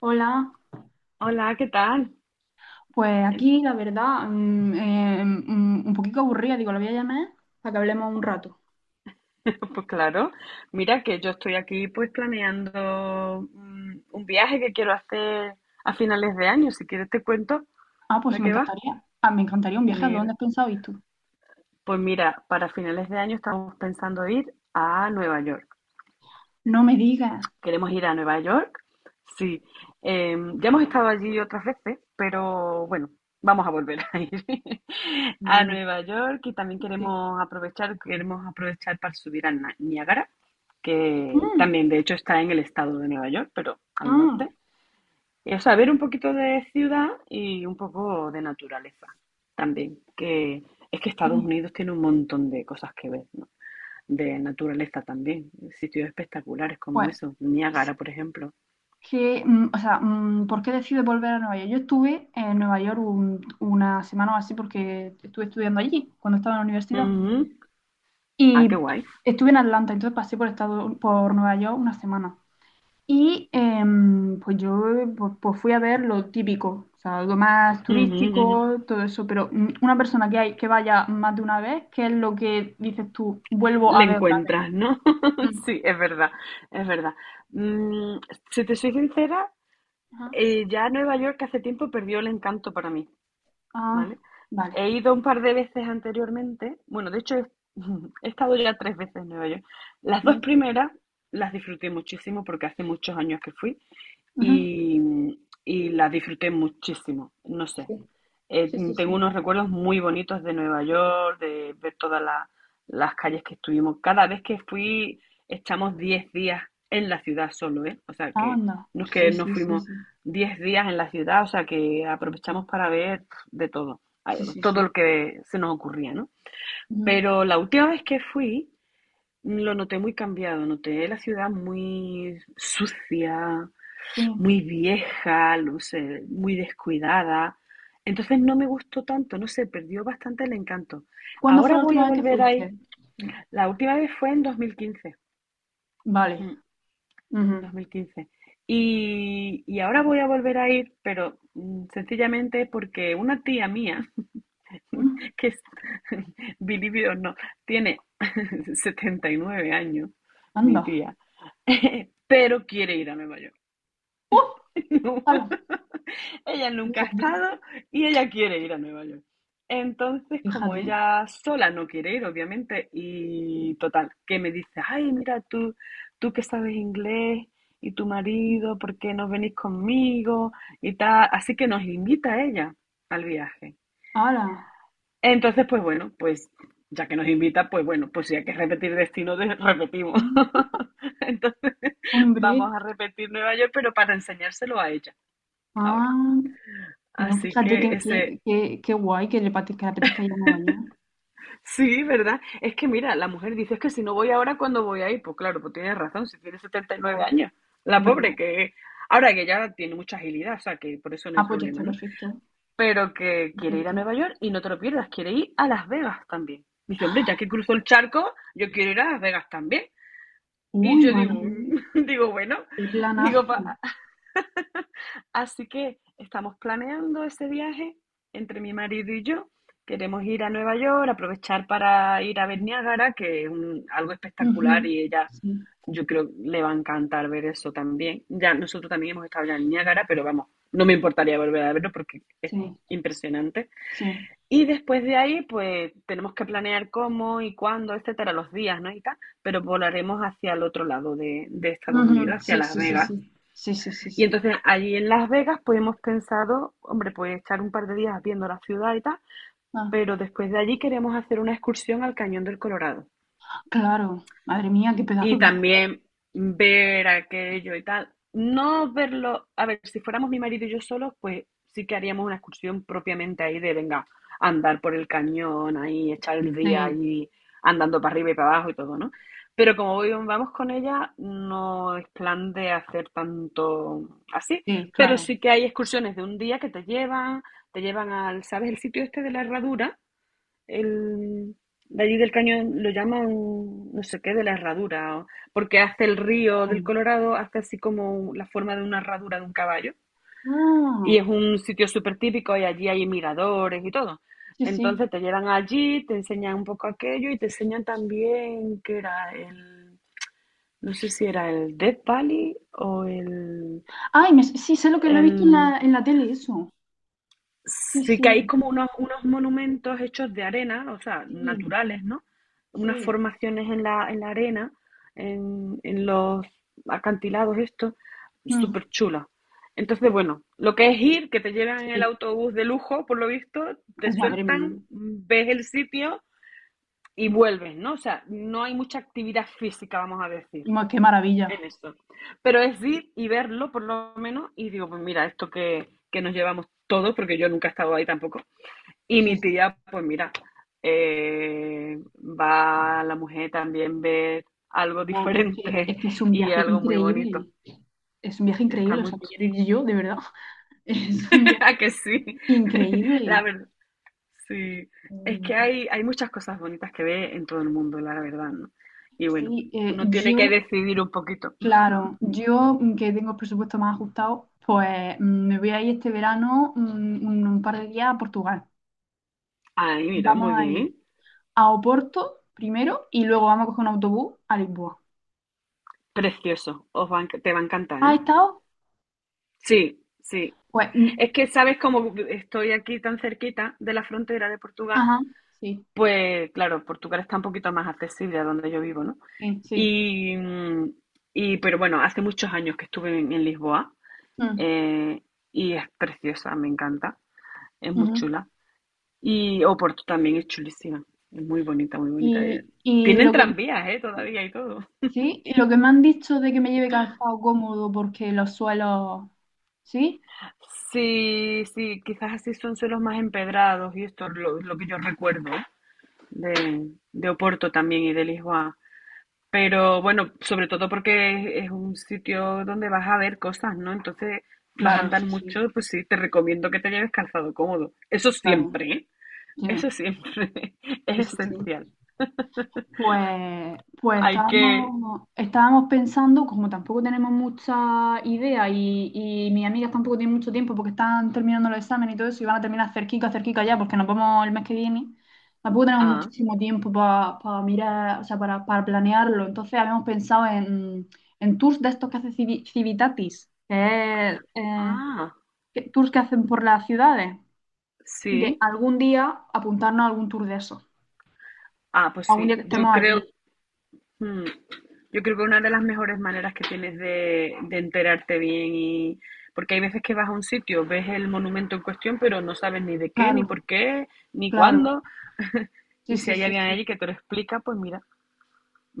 Hola, Hola, ¿qué tal? pues aquí la verdad, un poquito aburrida, digo, la voy a llamar para que hablemos un rato. Pues claro, mira que yo estoy aquí pues planeando un viaje que quiero hacer a finales de año. Si quieres te cuento Ah, pues de me qué va. encantaría, ah, me encantaría un viaje, ¿a dónde Mira, has pensado ir tú? mira, para finales de año estamos pensando ir a Nueva York. No me digas. Queremos ir a Nueva York. Sí, ya hemos estado allí otras veces, pero bueno, vamos a volver a ir a Mm, Nueva York y también sí. queremos aprovechar para subir a Niágara, que Mm, también de hecho está en el estado de Nueva York, pero al ah, norte. Y, o sea, ver un poquito de ciudad y un poco de naturaleza también, que es que Estados sí. Unidos tiene un montón de cosas que ver, ¿no? De naturaleza también, sitios espectaculares como Pues, eso, es Niágara, por ejemplo. que, o sea, ¿por qué decides volver a Nueva York? Yo estuve en Nueva York una semana o así porque estuve estudiando allí cuando estaba en la universidad. Ujú. Ah, qué Y guay. estuve en Atlanta, entonces pasé por, estado, por Nueva York una semana. Y pues yo pues fui a ver lo típico, o sea, lo más Ujú, ujú. turístico, todo eso, pero una persona que, hay, que vaya más de una vez, ¿qué es lo que dices tú? Vuelvo a Le ver otra encuentras, ¿no? vez. Mm. Sí, es verdad, es verdad. Mm, si te soy sincera, Ajá. Ya Nueva York hace tiempo perdió el encanto para mí, Ah, ¿vale? vale. He ido un par de veces anteriormente, bueno, de hecho he estado ya tres veces en Nueva York. Las dos Mm. primeras las disfruté muchísimo porque hace muchos años que fui Ujú. y, y las disfruté muchísimo. No sé. Sí, sí, sí, Tengo sí. unos recuerdos muy bonitos de Nueva York, de ver todas las calles que estuvimos. Cada vez que fui, estamos 10 días en la ciudad solo, ¿eh? O sea Ah, que anda. no es Sí, que nos sí, sí, fuimos sí. 10 días en la ciudad, o sea que aprovechamos para ver de todo, Sí, sí, todo lo sí. que se nos ocurría, ¿no? Ujú. Pero la última vez que fui, lo noté muy cambiado, noté la ciudad muy sucia, Sí. muy vieja, no sé, muy descuidada. Entonces no me gustó tanto, no sé, perdió bastante el encanto. ¿Cuándo fue Ahora la voy última a vez que volver ahí. fuiste? La última vez fue en 2015, Vale. ujú, en Ujú. 2015. Y ahora voy a volver a ir, pero sencillamente porque una tía mía, Mm. que es, believe it or not, tiene 79 años, mi Anda. tía, pero quiere ir a Nueva York. ¡Uh! No. ¡Hala! Ella nunca ha Fíjate. estado y ella quiere ir a Nueva York. Entonces, como Fíjate. ella sola no quiere ir, obviamente, y total, que me dice, ay, mira tú, tú que sabes inglés y tu marido, ¿por qué no venís conmigo? Y tal. Así que nos invita a ella al viaje. ¡Hala! Entonces, pues bueno, pues ya que nos invita, pues bueno, pues si hay que repetir destino, repetimos. Mm. Entonces, Hombre, vamos a repetir Nueva York, pero para enseñárselo a ella ahora. ah, no, Así fíjate que que, ese. que, que, que guay que le apetezca ir a Nueva York. Sí, ¿verdad? Es que mira, la mujer dice, es que si no voy ahora, ¿cuándo voy a ir? Pues claro, pues tienes razón, si tiene setenta y nueve Claro, años, la es verdad. pobre que... Ahora que ya tiene mucha agilidad, o sea que por eso no hay Ah, pues ya está, problema, ¿no? perfecto. Pero que quiere ir a Perfecto. Nueva York y no te lo pierdas, quiere ir a Las Vegas también. Dice, hombre, ya que cruzó el charco, yo quiero ir a Las Vegas también. Y Uy, yo digo, madre mía, digo, bueno, qué digo, planazo. así que estamos planeando ese viaje entre mi marido y yo. Queremos ir a Nueva York, aprovechar para ir a ver Niágara, que es algo espectacular Ujú, y ella, sí, yo creo, le va a encantar ver eso también. Ya nosotros también hemos estado ya en Niágara, pero vamos, no me importaría volver a verlo porque es sí, impresionante. sí. Y después de ahí, pues tenemos que planear cómo y cuándo, etcétera, los días, ¿no? Y tal, pero volaremos hacia el otro lado de Estados Unidos, Ujú, hacia sí, Las sí, sí, Vegas sí. Sí, sí, sí, y sí. entonces allí en Las Vegas pues hemos pensado, hombre, pues estar un par de días viendo la ciudad y tal, Ah, pero después de allí queremos hacer una excursión al Cañón del Colorado. claro, madre mía, qué pedazo Y de viaje. también ver aquello y tal. No verlo, a ver, si fuéramos mi marido y yo solos, pues sí que haríamos una excursión propiamente ahí de, venga, andar por el cañón, ahí, echar el día Sí, ahí, andando para arriba y para abajo y todo, ¿no? Pero como voy, vamos con ella, no es plan de hacer tanto así, sí, pero claro. sí que hay excursiones de un día que te llevan al, ¿sabes? El sitio este de la herradura, el, de allí del cañón lo llaman no sé qué de la herradura, porque hace el río del Hombre. Colorado, hace así como la forma de una herradura de un caballo. Y Ah, es un sitio súper típico y allí hay miradores y todo. sí, sí. Entonces te llevan allí, te enseñan un poco aquello y te enseñan también que era el, no sé si era el Death Valley o el, Ay, sí, sé lo que lo he visto el. En la tele, eso. Sí, Sí que hay sí, como unos monumentos hechos de arena, o sea, sí, naturales, ¿no? Unas sí. formaciones en la arena, en los acantilados estos, Mm. súper chulos. Entonces, bueno, lo que es ir, que te llevan en el Sí. autobús de lujo, por lo visto, te Oh, madre mía. sueltan, ves el sitio y vuelves, ¿no? O sea, no hay mucha actividad física, vamos a decir, Qué maravilla. en esto. Pero es ir y verlo, por lo menos, y digo, pues mira, esto que nos llevamos todos, porque yo nunca he estado ahí tampoco, y Sí, mi sí. tía, pues mira, va a la mujer también ver algo No, es que, diferente es que es un y viaje algo muy bonito. increíble. Es un viaje Está increíble. O muy... sea, me quiero ir yo, de verdad. Es un viaje ¿A que sí? La increíble. verdad, sí. Es que Mm, hay muchas cosas bonitas que ve en todo el mundo, la verdad, ¿no? Y bueno, sí, uno tiene yo, que decidir un poquito. claro, yo que tengo el presupuesto más ajustado, pues me voy a ir este verano, un par de días a Portugal. Ay, mira, Vamos muy a ir bien. a Oporto primero y luego vamos a coger un autobús a Lisboa. Precioso. Os va a te va a encantar, ¿eh? ¿Has estado? Sí, sí. Pues, mm, Es que sabes como estoy aquí tan cerquita de la frontera de Portugal, ajá, sí, pues claro, Portugal está un poquito más accesible a donde yo vivo, ¿no? sí, sí. Y, mm, y pero bueno, hace muchos años que estuve en Lisboa, Mm, eh, y es preciosa, me encanta, es muy ujú. chula. Y Oporto también es chulísima, es muy bonita, muy bonita. Y Tienen lo que tranvías, ¿eh? Todavía y todo. sí, y lo que me han dicho de que me lleve calzado cómodo porque los suelos, ¿sí? Sí, sí, quizás así son suelos más empedrados y esto es lo que yo recuerdo de Oporto también y de Lisboa. Pero bueno, sobre todo porque es un sitio donde vas a ver cosas, ¿no? Entonces vas a Claro, andar sí, sí, mucho, pues sí, te recomiendo que te lleves calzado cómodo. Eso claro. siempre, ¿eh? Sí, Eso siempre es sí, sí, sí. esencial. Pues Hay que... estábamos pensando, como tampoco tenemos mucha idea y mis amigas tampoco tienen mucho tiempo porque están terminando los exámenes y todo eso y van a terminar cerquita, cerquita ya porque nos vamos el mes que viene, tampoco tenemos Ah, muchísimo tiempo para mirar, o sea, para planearlo. Entonces habíamos pensado en, tours de estos que hace Civitatis, que es, ah, tours que hacen por las ciudades, de sí. algún día apuntarnos a algún tour de esos, Ah, pues algún día sí. que estemos Yo allí, creo Mm. Yo creo que una de las mejores maneras que tienes de enterarte bien y porque hay veces que vas a un sitio, ves el monumento en cuestión, pero no sabes ni de qué, ni claro. por qué, ni Claro, cuándo. sí, Y si sí, hay sí, alguien sí. allí que te lo explica, pues mira,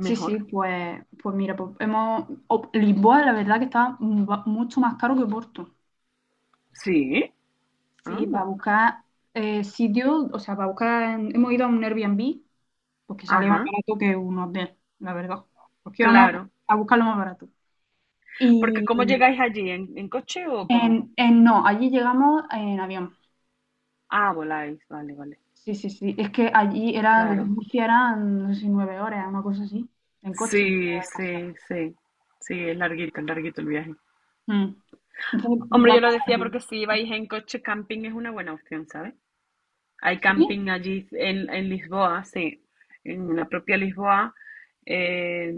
Sí, sí, pues mira, Lisboa, la verdad que está mucho más caro que Porto. Sí, Sí, para anda. buscar, sitios, o sea, para buscar, hemos ido a un Airbnb, porque salía más Ajá, barato que un hotel, la verdad. Porque íbamos claro. a buscar lo más barato. Porque ¿cómo Y llegáis allí? ¿En coche o cómo? No, allí llegamos en avión. Ah, voláis. Vale, vale. Sí, sí, sí. Es que allí eran, desde Claro. Murcia eran, no sé si 9 horas, una cosa así, en coche. O Sí, algo así. sí, sí. Sí, es larguito el viaje. Mm. Entonces, Hombre, yo vamos lo a decía ver. porque si vais en coche, camping es una buena opción, ¿sabes? Hay Sí, camping allí en Lisboa, sí, en la propia Lisboa, eh,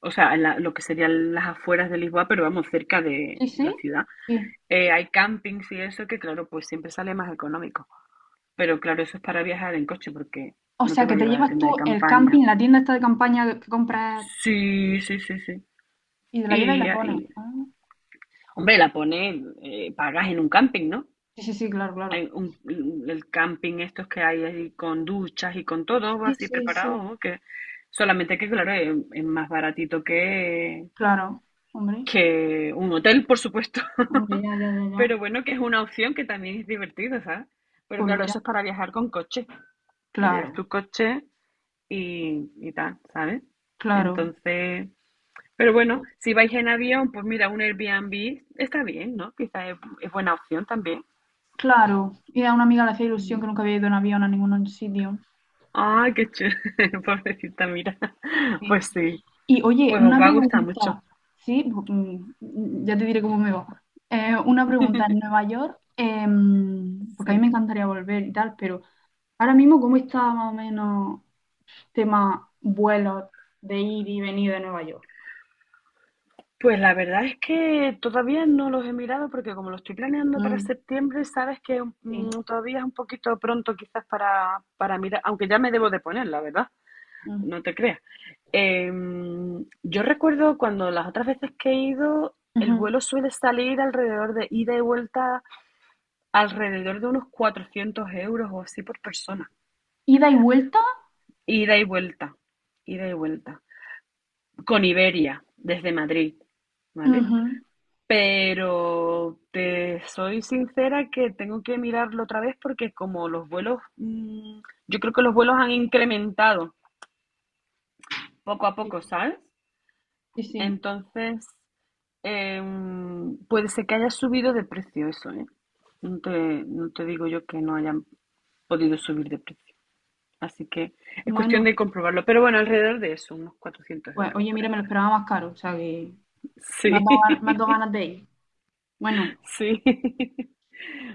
o sea, en lo que serían las afueras de Lisboa, pero vamos, cerca de sí, la sí, ciudad. sí. Hay campings y eso que, claro, pues siempre sale más económico. Pero claro, eso es para viajar en coche porque O no te sea, va que a te llevar a llevas tienda tú de el campaña. camping, la tienda esta de campaña que compras Sí, sí, sí, sí. y te la llevas y Y, la pones. y- Ah, Hombre, la pones, pagas en un camping, ¿no? sí, sí, sí, claro, Hay claro. un, el camping estos que hay ahí con duchas y con todo Sí, así sí, preparado, sí. ¿no? que solamente que claro, es más baratito que, Claro, hombre, que un hotel, por supuesto. hombre, ya, ya, ya, ya. Pero bueno, que es una opción que también es divertida, ¿sabes? Pero Pues claro, mira, eso es para viajar con coche, que lleves claro, tu coche y tal, ¿sabes? claro, Entonces, pero bueno, si vais en avión, pues mira, un Airbnb está bien, ¿no? Quizás es buena opción también. claro. Y a una amiga le hacía ilusión, que nunca había ido en avión a ningún sitio. Ah, qué chévere, pobrecita, mira. Pues Sí. sí, Y oye, pues os una va a gustar mucho. pregunta, sí. Ya te diré cómo me va. Una pregunta, en Nueva York, porque a mí Sí. me encantaría volver y tal, pero ahora mismo, ¿cómo está más o menos tema vuelos de ir y venir de Nueva York? Pues la verdad es que todavía no los he mirado porque como lo estoy planeando para Mm, septiembre, sabes que sí. todavía es un poquito pronto quizás para mirar, aunque ya me debo de poner, la verdad, Mm, no te creas. Yo recuerdo cuando las otras veces que he ido, el ujú. vuelo suele salir alrededor de ida y vuelta, alrededor de unos 400 € o así por persona. ¿Ida y vuelta? Ida y vuelta, ida y vuelta. Con Iberia, desde Madrid, ¿vale? Ujú. Pero te soy sincera que tengo que mirarlo otra vez porque como los vuelos, yo creo que los vuelos han incrementado poco a Sí, poco, ¿sabes? sí. Sí. Entonces, puede ser que haya subido de precio eso, ¿eh? No te, no te digo yo que no hayan podido subir de precio. Así que es cuestión Bueno, de comprobarlo. Pero bueno, alrededor de eso, unos 400 pues euros oye, por mira, ahí. me lo esperaba más caro, o sea que Sí, me has dado ganas de ir. Bueno, sí.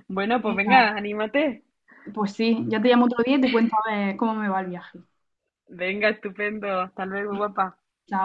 Bueno, pues venga, venga, anímate. pues sí, ya te llamo otro día y te cuento a ver cómo me va el viaje. Venga, estupendo. Hasta luego, Sí. guapa. Chao.